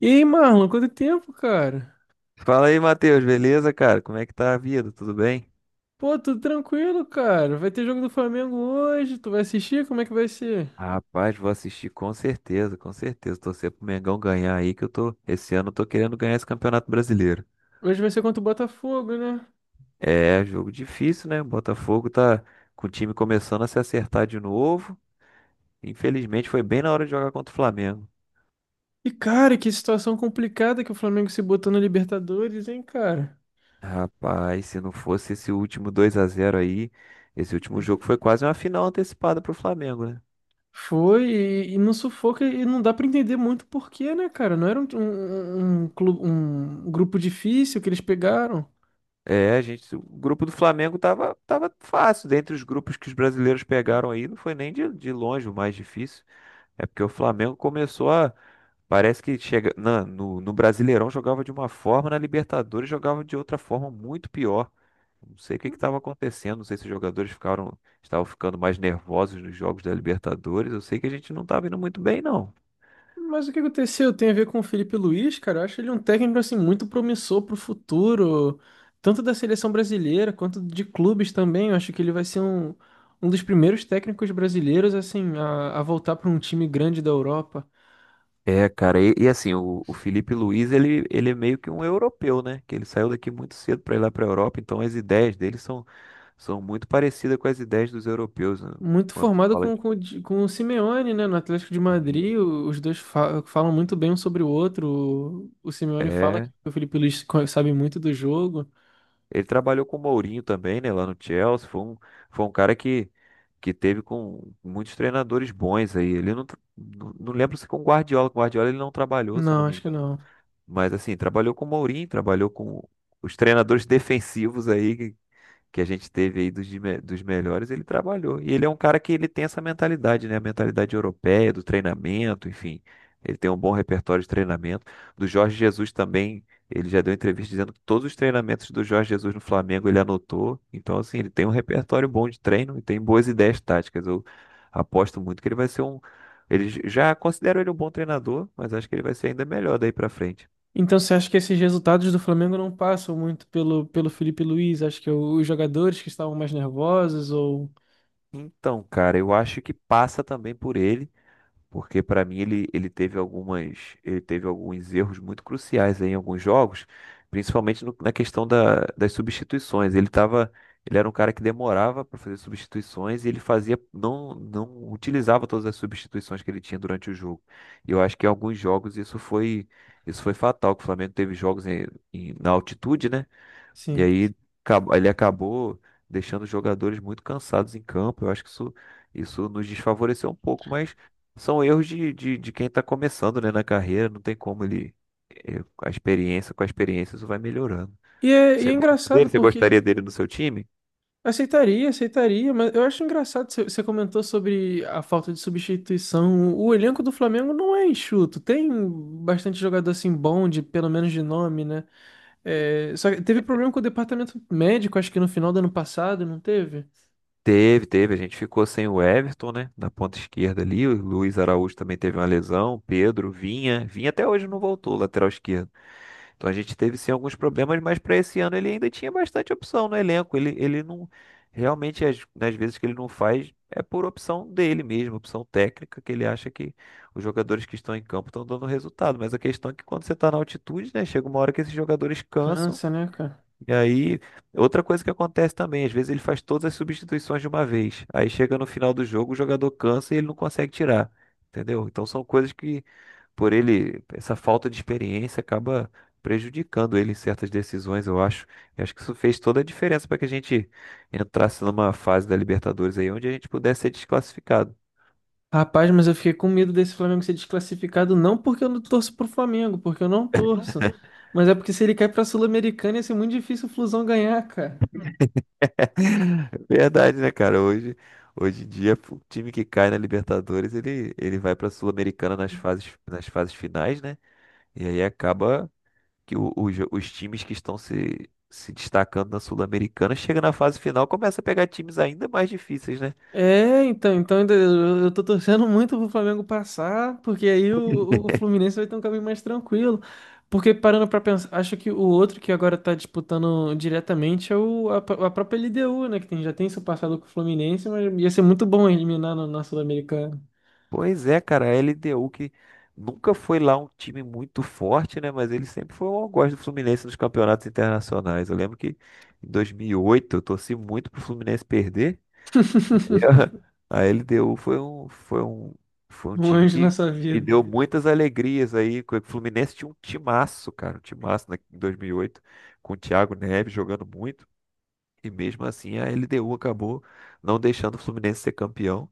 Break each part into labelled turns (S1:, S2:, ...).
S1: E aí, Marlon, quanto tempo, cara?
S2: Fala aí, Matheus, beleza, cara? Como é que tá a vida? Tudo bem?
S1: Pô, tudo tranquilo, cara. Vai ter jogo do Flamengo hoje. Tu vai assistir? Como é que vai ser?
S2: Rapaz, vou assistir com certeza, com certeza. Torcer pro Mengão ganhar aí, que eu tô. Esse ano eu tô querendo ganhar esse Campeonato Brasileiro.
S1: Hoje vai ser contra o Botafogo, né?
S2: É, jogo difícil, né? O Botafogo tá com o time começando a se acertar de novo. Infelizmente, foi bem na hora de jogar contra o Flamengo.
S1: E, cara, que situação complicada que o Flamengo se botou na Libertadores, hein, cara?
S2: Rapaz, se não fosse esse último 2 a zero aí, esse último jogo foi quase uma final antecipada pro Flamengo, né?
S1: Foi e, não sufoca e não dá pra entender muito porquê, né, cara? Não era um um grupo difícil que eles pegaram.
S2: É, a gente, o grupo do Flamengo tava fácil. Dentre os grupos que os brasileiros pegaram aí, não foi nem de longe o mais difícil. É porque o Flamengo começou a. Parece que chega, no Brasileirão jogava de uma forma, na Libertadores jogava de outra forma muito pior. Não sei o que estava acontecendo, não sei se os jogadores ficaram, estavam ficando mais nervosos nos jogos da Libertadores. Eu sei que a gente não estava indo muito bem, não.
S1: Mas o que aconteceu tem a ver com o Felipe Luiz, cara. Eu acho ele um técnico assim muito promissor pro futuro, tanto da seleção brasileira quanto de clubes também. Eu acho que ele vai ser um dos primeiros técnicos brasileiros assim a voltar para um time grande da Europa.
S2: É, cara, e assim, o Felipe Luiz, ele é meio que um europeu, né? Que ele saiu daqui muito cedo para ir lá para a Europa, então as ideias dele são, são muito parecidas com as ideias dos europeus, né?
S1: Muito
S2: Quando
S1: formado
S2: fala
S1: com,
S2: de...
S1: com, o Di- com o Simeone, né, no Atlético de
S2: Sim.
S1: Madrid. Os dois falam muito bem um sobre o outro. O Simeone fala
S2: É,
S1: que o Felipe Luiz sabe muito do jogo.
S2: ele trabalhou com o Mourinho também, né? Lá no Chelsea, foi um cara que teve com muitos treinadores bons aí. Ele não, não lembro se com o Guardiola, com o Guardiola ele não trabalhou, se eu não
S1: Não,
S2: me
S1: acho que
S2: engano.
S1: não.
S2: Mas assim, trabalhou com o Mourinho, trabalhou com os treinadores defensivos aí, que a gente teve aí dos, dos melhores, ele trabalhou. E ele é um cara que ele tem essa mentalidade, né? A mentalidade europeia, do treinamento, enfim. Ele tem um bom repertório de treinamento. Do Jorge Jesus também, ele já deu entrevista dizendo que todos os treinamentos do Jorge Jesus no Flamengo ele anotou. Então, assim, ele tem um repertório bom de treino e tem boas ideias táticas. Eu aposto muito que ele vai ser um. Eles já consideram ele um bom treinador, mas acho que ele vai ser ainda melhor daí pra frente.
S1: Então você acha que esses resultados do Flamengo não passam muito pelo Felipe Luiz? Acho que é os jogadores que estavam mais nervosos ou...
S2: Então, cara, eu acho que passa também por ele. Porque para mim ele teve algumas, ele teve alguns erros muito cruciais aí em alguns jogos, principalmente na questão das substituições. Ele tava, ele era um cara que demorava para fazer substituições e ele fazia não utilizava todas as substituições que ele tinha durante o jogo. E eu acho que em alguns jogos isso foi fatal, que o Flamengo teve jogos na altitude, né? E
S1: Sim.
S2: aí ele acabou deixando os jogadores muito cansados em campo. Eu acho que isso nos desfavoreceu um pouco, mas são erros de quem está começando, né, na carreira. Não tem como ele. A experiência, com a experiência, isso vai melhorando.
S1: E
S2: Você
S1: é
S2: gosta dele?
S1: engraçado
S2: Você
S1: porque...
S2: gostaria dele no seu time?
S1: Aceitaria, aceitaria, mas eu acho engraçado, você comentou sobre a falta de substituição. O elenco do Flamengo não é enxuto, tem bastante jogador assim bom, de, pelo menos de nome, né? É, só que teve problema com o departamento médico, acho que no final do ano passado, não teve?
S2: Teve, teve. A gente ficou sem o Everton, né? Na ponta esquerda ali. O Luiz Araújo também teve uma lesão. Pedro, Vinha. Vinha até hoje não voltou, lateral esquerdo. Então a gente teve sim alguns problemas, mas para esse ano ele ainda tinha bastante opção no elenco. Ele não. Realmente, nas vezes que ele não faz, é por opção dele mesmo, opção técnica, que ele acha que os jogadores que estão em campo estão dando resultado. Mas a questão é que quando você está na altitude, né? Chega uma hora que esses jogadores cansam.
S1: Cansa, né, cara?
S2: E aí, outra coisa que acontece também, às vezes ele faz todas as substituições de uma vez. Aí chega no final do jogo, o jogador cansa e ele não consegue tirar. Entendeu? Então são coisas que, por ele, essa falta de experiência acaba prejudicando ele em certas decisões, eu acho. E acho que isso fez toda a diferença para que a gente entrasse numa fase da Libertadores aí onde a gente pudesse ser desclassificado.
S1: Rapaz, mas eu fiquei com medo desse Flamengo ser desclassificado, não porque eu não torço pro Flamengo, porque eu não torço, mas é porque se ele cair pra Sul-Americana ia ser muito difícil o Flusão ganhar, cara.
S2: Verdade, né, cara? Hoje em dia, o time que cai na Libertadores, ele vai para a Sul-Americana nas fases finais, né? E aí acaba que os times que estão se destacando na Sul-Americana chega na fase final, começa a pegar times ainda mais difíceis, né?
S1: É, então, então ainda eu tô torcendo muito pro Flamengo passar, porque aí o Fluminense vai ter um caminho mais tranquilo. Porque parando pra pensar, acho que o outro que agora tá disputando diretamente é a própria LDU, né? Que tem, já tem seu passado com o Fluminense, mas ia ser muito bom eliminar no, na Sul-Americana.
S2: Pois é, cara, a LDU que nunca foi lá um time muito forte, né? Mas ele sempre foi um algoz do Fluminense nos campeonatos internacionais. Eu lembro que em 2008 eu torci muito pro Fluminense perder. E a LDU foi um
S1: Um
S2: time
S1: anjo
S2: que
S1: na sua
S2: me
S1: vida.
S2: deu muitas alegrias aí. O Fluminense tinha um timaço, cara, um timaço em 2008, com o Thiago Neves jogando muito. E mesmo assim a LDU acabou não deixando o Fluminense ser campeão.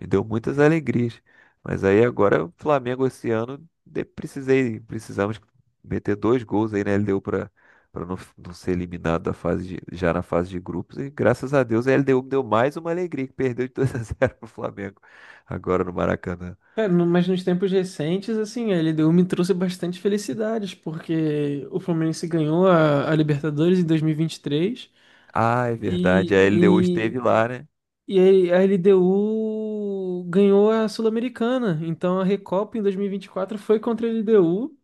S2: Me deu muitas alegrias. Mas aí agora o Flamengo esse ano precisamos meter dois gols aí na LDU para não ser eliminado da já na fase de grupos. E graças a Deus a LDU me deu mais uma alegria que perdeu de 2 a 0 pro Flamengo agora no Maracanã.
S1: É, no- mas nos tempos recentes, assim, a LDU me trouxe bastante felicidades, porque o Fluminense ganhou a Libertadores em 2023
S2: Ah, é verdade,
S1: e,
S2: a
S1: vinte
S2: LDU
S1: e, três
S2: esteve lá, né?
S1: e, e a LDU ganhou a Sul-Americana. Então a Recopa em 2024 foi contra a LDU,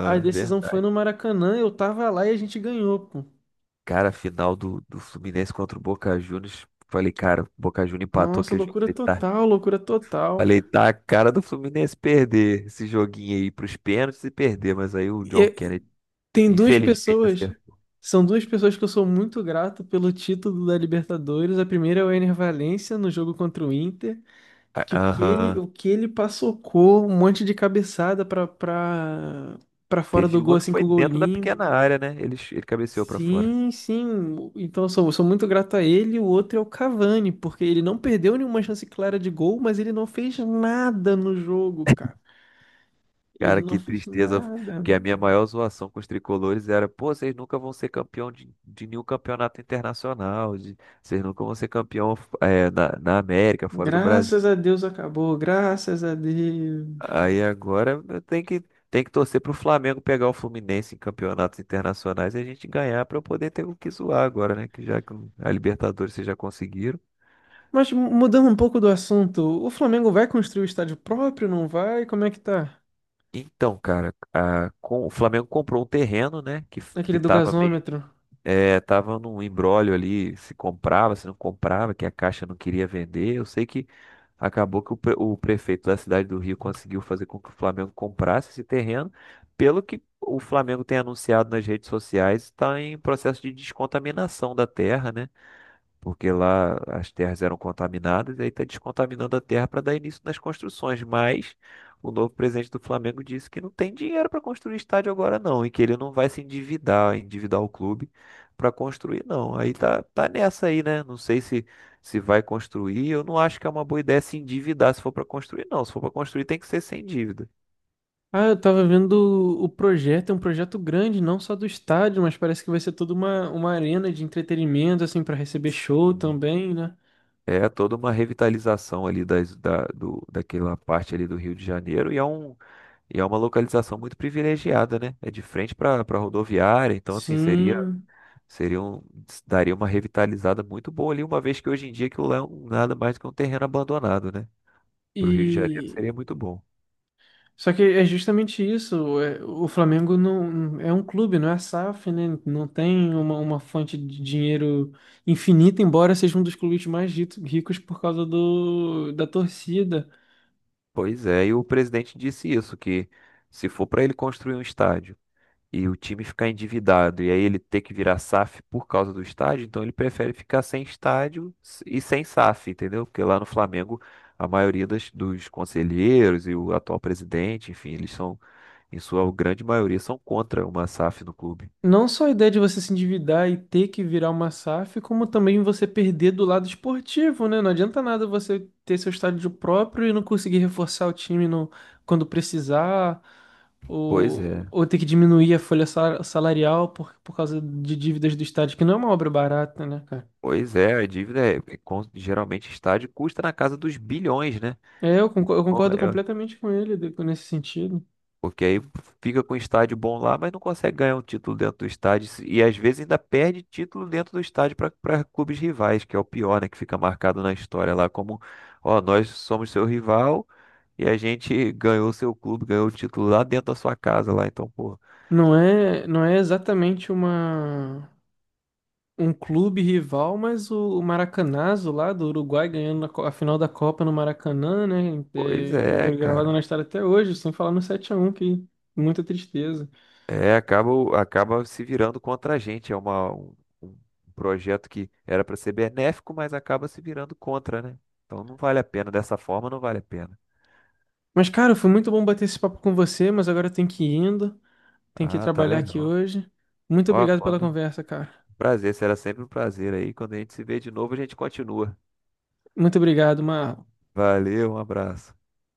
S1: a decisão foi
S2: verdade.
S1: no Maracanã, eu tava lá e a gente ganhou, pô.
S2: Cara, a final do Fluminense contra o Boca Juniors. Falei, cara, o Boca Juniors empatou
S1: Nossa,
S2: aquele jogo.
S1: loucura
S2: Falei, tá.
S1: total, loucura total.
S2: Falei, tá a cara do Fluminense perder esse joguinho aí pros pênaltis e perder, mas aí o John Kennedy,
S1: Tem duas
S2: infelizmente,
S1: pessoas.
S2: acertou.
S1: São duas pessoas que eu sou muito grato pelo título da Libertadores. A primeira é o Ener Valencia no jogo contra o Inter,
S2: Ah,
S1: que
S2: aham.
S1: o que ele passocou, um monte de cabeçada pra, pra, pra fora do
S2: Teve
S1: gol,
S2: uma que
S1: assim,
S2: foi
S1: com o gol
S2: dentro da
S1: limpo.
S2: pequena área, né? Ele, ele cabeceou pra fora.
S1: Sim, sim. Então eu sou muito grato a ele. O outro é o Cavani, porque ele não perdeu nenhuma chance clara de gol, mas ele não fez nada no jogo, cara. Ele
S2: Cara,
S1: não
S2: que
S1: fez
S2: tristeza,
S1: nada.
S2: porque a minha maior zoação com os tricolores era, pô, vocês nunca vão ser campeão de nenhum campeonato internacional, vocês nunca vão ser campeão na América, fora do Brasil.
S1: Graças a Deus acabou, graças a Deus.
S2: Aí agora eu tenho que, tem que torcer pro Flamengo pegar o Fluminense em campeonatos internacionais e a gente ganhar pra eu poder ter o que zoar agora, né? Que já que a Libertadores vocês já conseguiram.
S1: Mas mudando um pouco do assunto, o Flamengo vai construir o estádio próprio, não vai? Como é que tá?
S2: Então, cara, o Flamengo comprou um terreno, né?
S1: Aquele
S2: Que
S1: do
S2: tava.
S1: gasômetro.
S2: É, tava num imbróglio ali, se comprava, se não comprava, que a Caixa não queria vender. Eu sei que acabou que o prefeito da cidade do Rio conseguiu fazer com que o Flamengo comprasse esse terreno. Pelo que o Flamengo tem anunciado nas redes sociais, está em processo de descontaminação da terra, né? Porque lá as terras eram contaminadas, e aí está descontaminando a terra para dar início nas construções. Mas o novo presidente do Flamengo disse que não tem dinheiro para construir estádio agora, não, e que ele não vai se endividar, endividar o clube para construir, não. Aí tá, tá nessa aí, né? Não sei se, se vai construir. Eu não acho que é uma boa ideia se endividar se for para construir, não. Se for para construir, tem que ser sem dívida.
S1: Ah, eu tava vendo o projeto, é um projeto grande, não só do estádio, mas parece que vai ser toda uma arena de entretenimento, assim, pra receber show também, né?
S2: É toda uma revitalização ali daquela parte ali do Rio de Janeiro e é um, e é uma localização muito privilegiada, né? É de frente para rodoviária, então assim
S1: Sim.
S2: seria um, daria uma revitalizada muito boa ali, uma vez que hoje em dia aquilo lá é nada mais do que um terreno abandonado, né? Para o Rio de Janeiro
S1: E
S2: seria muito bom.
S1: só que é justamente isso. É, o Flamengo não é um clube, não é SAF, né? Não tem uma fonte de dinheiro infinita, embora seja um dos clubes mais ricos por causa da torcida.
S2: Pois é, e o presidente disse isso, que se for para ele construir um estádio e o time ficar endividado e aí ele ter que virar SAF por causa do estádio, então ele prefere ficar sem estádio e sem SAF, entendeu? Porque lá no Flamengo a maioria dos conselheiros e o atual presidente, enfim, eles são, em sua grande maioria, são contra uma SAF no clube.
S1: Não só a ideia de você se endividar e ter que virar uma SAF, como também você perder do lado esportivo, né? Não adianta nada você ter seu estádio próprio e não conseguir reforçar o time no, quando precisar,
S2: Pois é.
S1: ou ter que diminuir a folha salarial por causa de dívidas do estádio, que não é uma obra barata, né, cara?
S2: Pois é, a dívida é, geralmente estádio custa na casa dos bilhões, né?
S1: É, eu
S2: Então,
S1: concordo
S2: é,
S1: completamente com ele nesse sentido.
S2: Porque aí fica com o estádio bom lá, mas não consegue ganhar um título dentro do estádio. E às vezes ainda perde título dentro do estádio para clubes rivais, que é o pior, né? Que fica marcado na história lá como, ó, nós somos seu rival e a gente ganhou seu clube, ganhou o título lá dentro da sua casa lá. Então, pô,
S1: Não é, não é exatamente uma um clube rival, mas o Maracanazo lá do Uruguai ganhando na a final da Copa no Maracanã, né?
S2: pois
S1: É,
S2: é,
S1: gravado
S2: cara.
S1: na história até hoje, sem falar no 7 a 1 que muita tristeza.
S2: É, acaba, acaba se virando contra a gente. É uma, um projeto que era para ser benéfico, mas acaba se virando contra, né? Então não vale a pena. Dessa forma, não vale a pena.
S1: Mas, cara, foi muito bom bater esse papo com você, mas agora eu tenho que ir indo, tenho que
S2: Ah, tá
S1: trabalhar aqui
S2: legal.
S1: hoje. Muito
S2: Ó,
S1: obrigado pela
S2: quando.
S1: conversa, cara.
S2: Prazer, será sempre um prazer aí. Quando a gente se vê de novo, a gente continua.
S1: Muito obrigado, Mar.
S2: Valeu, um abraço.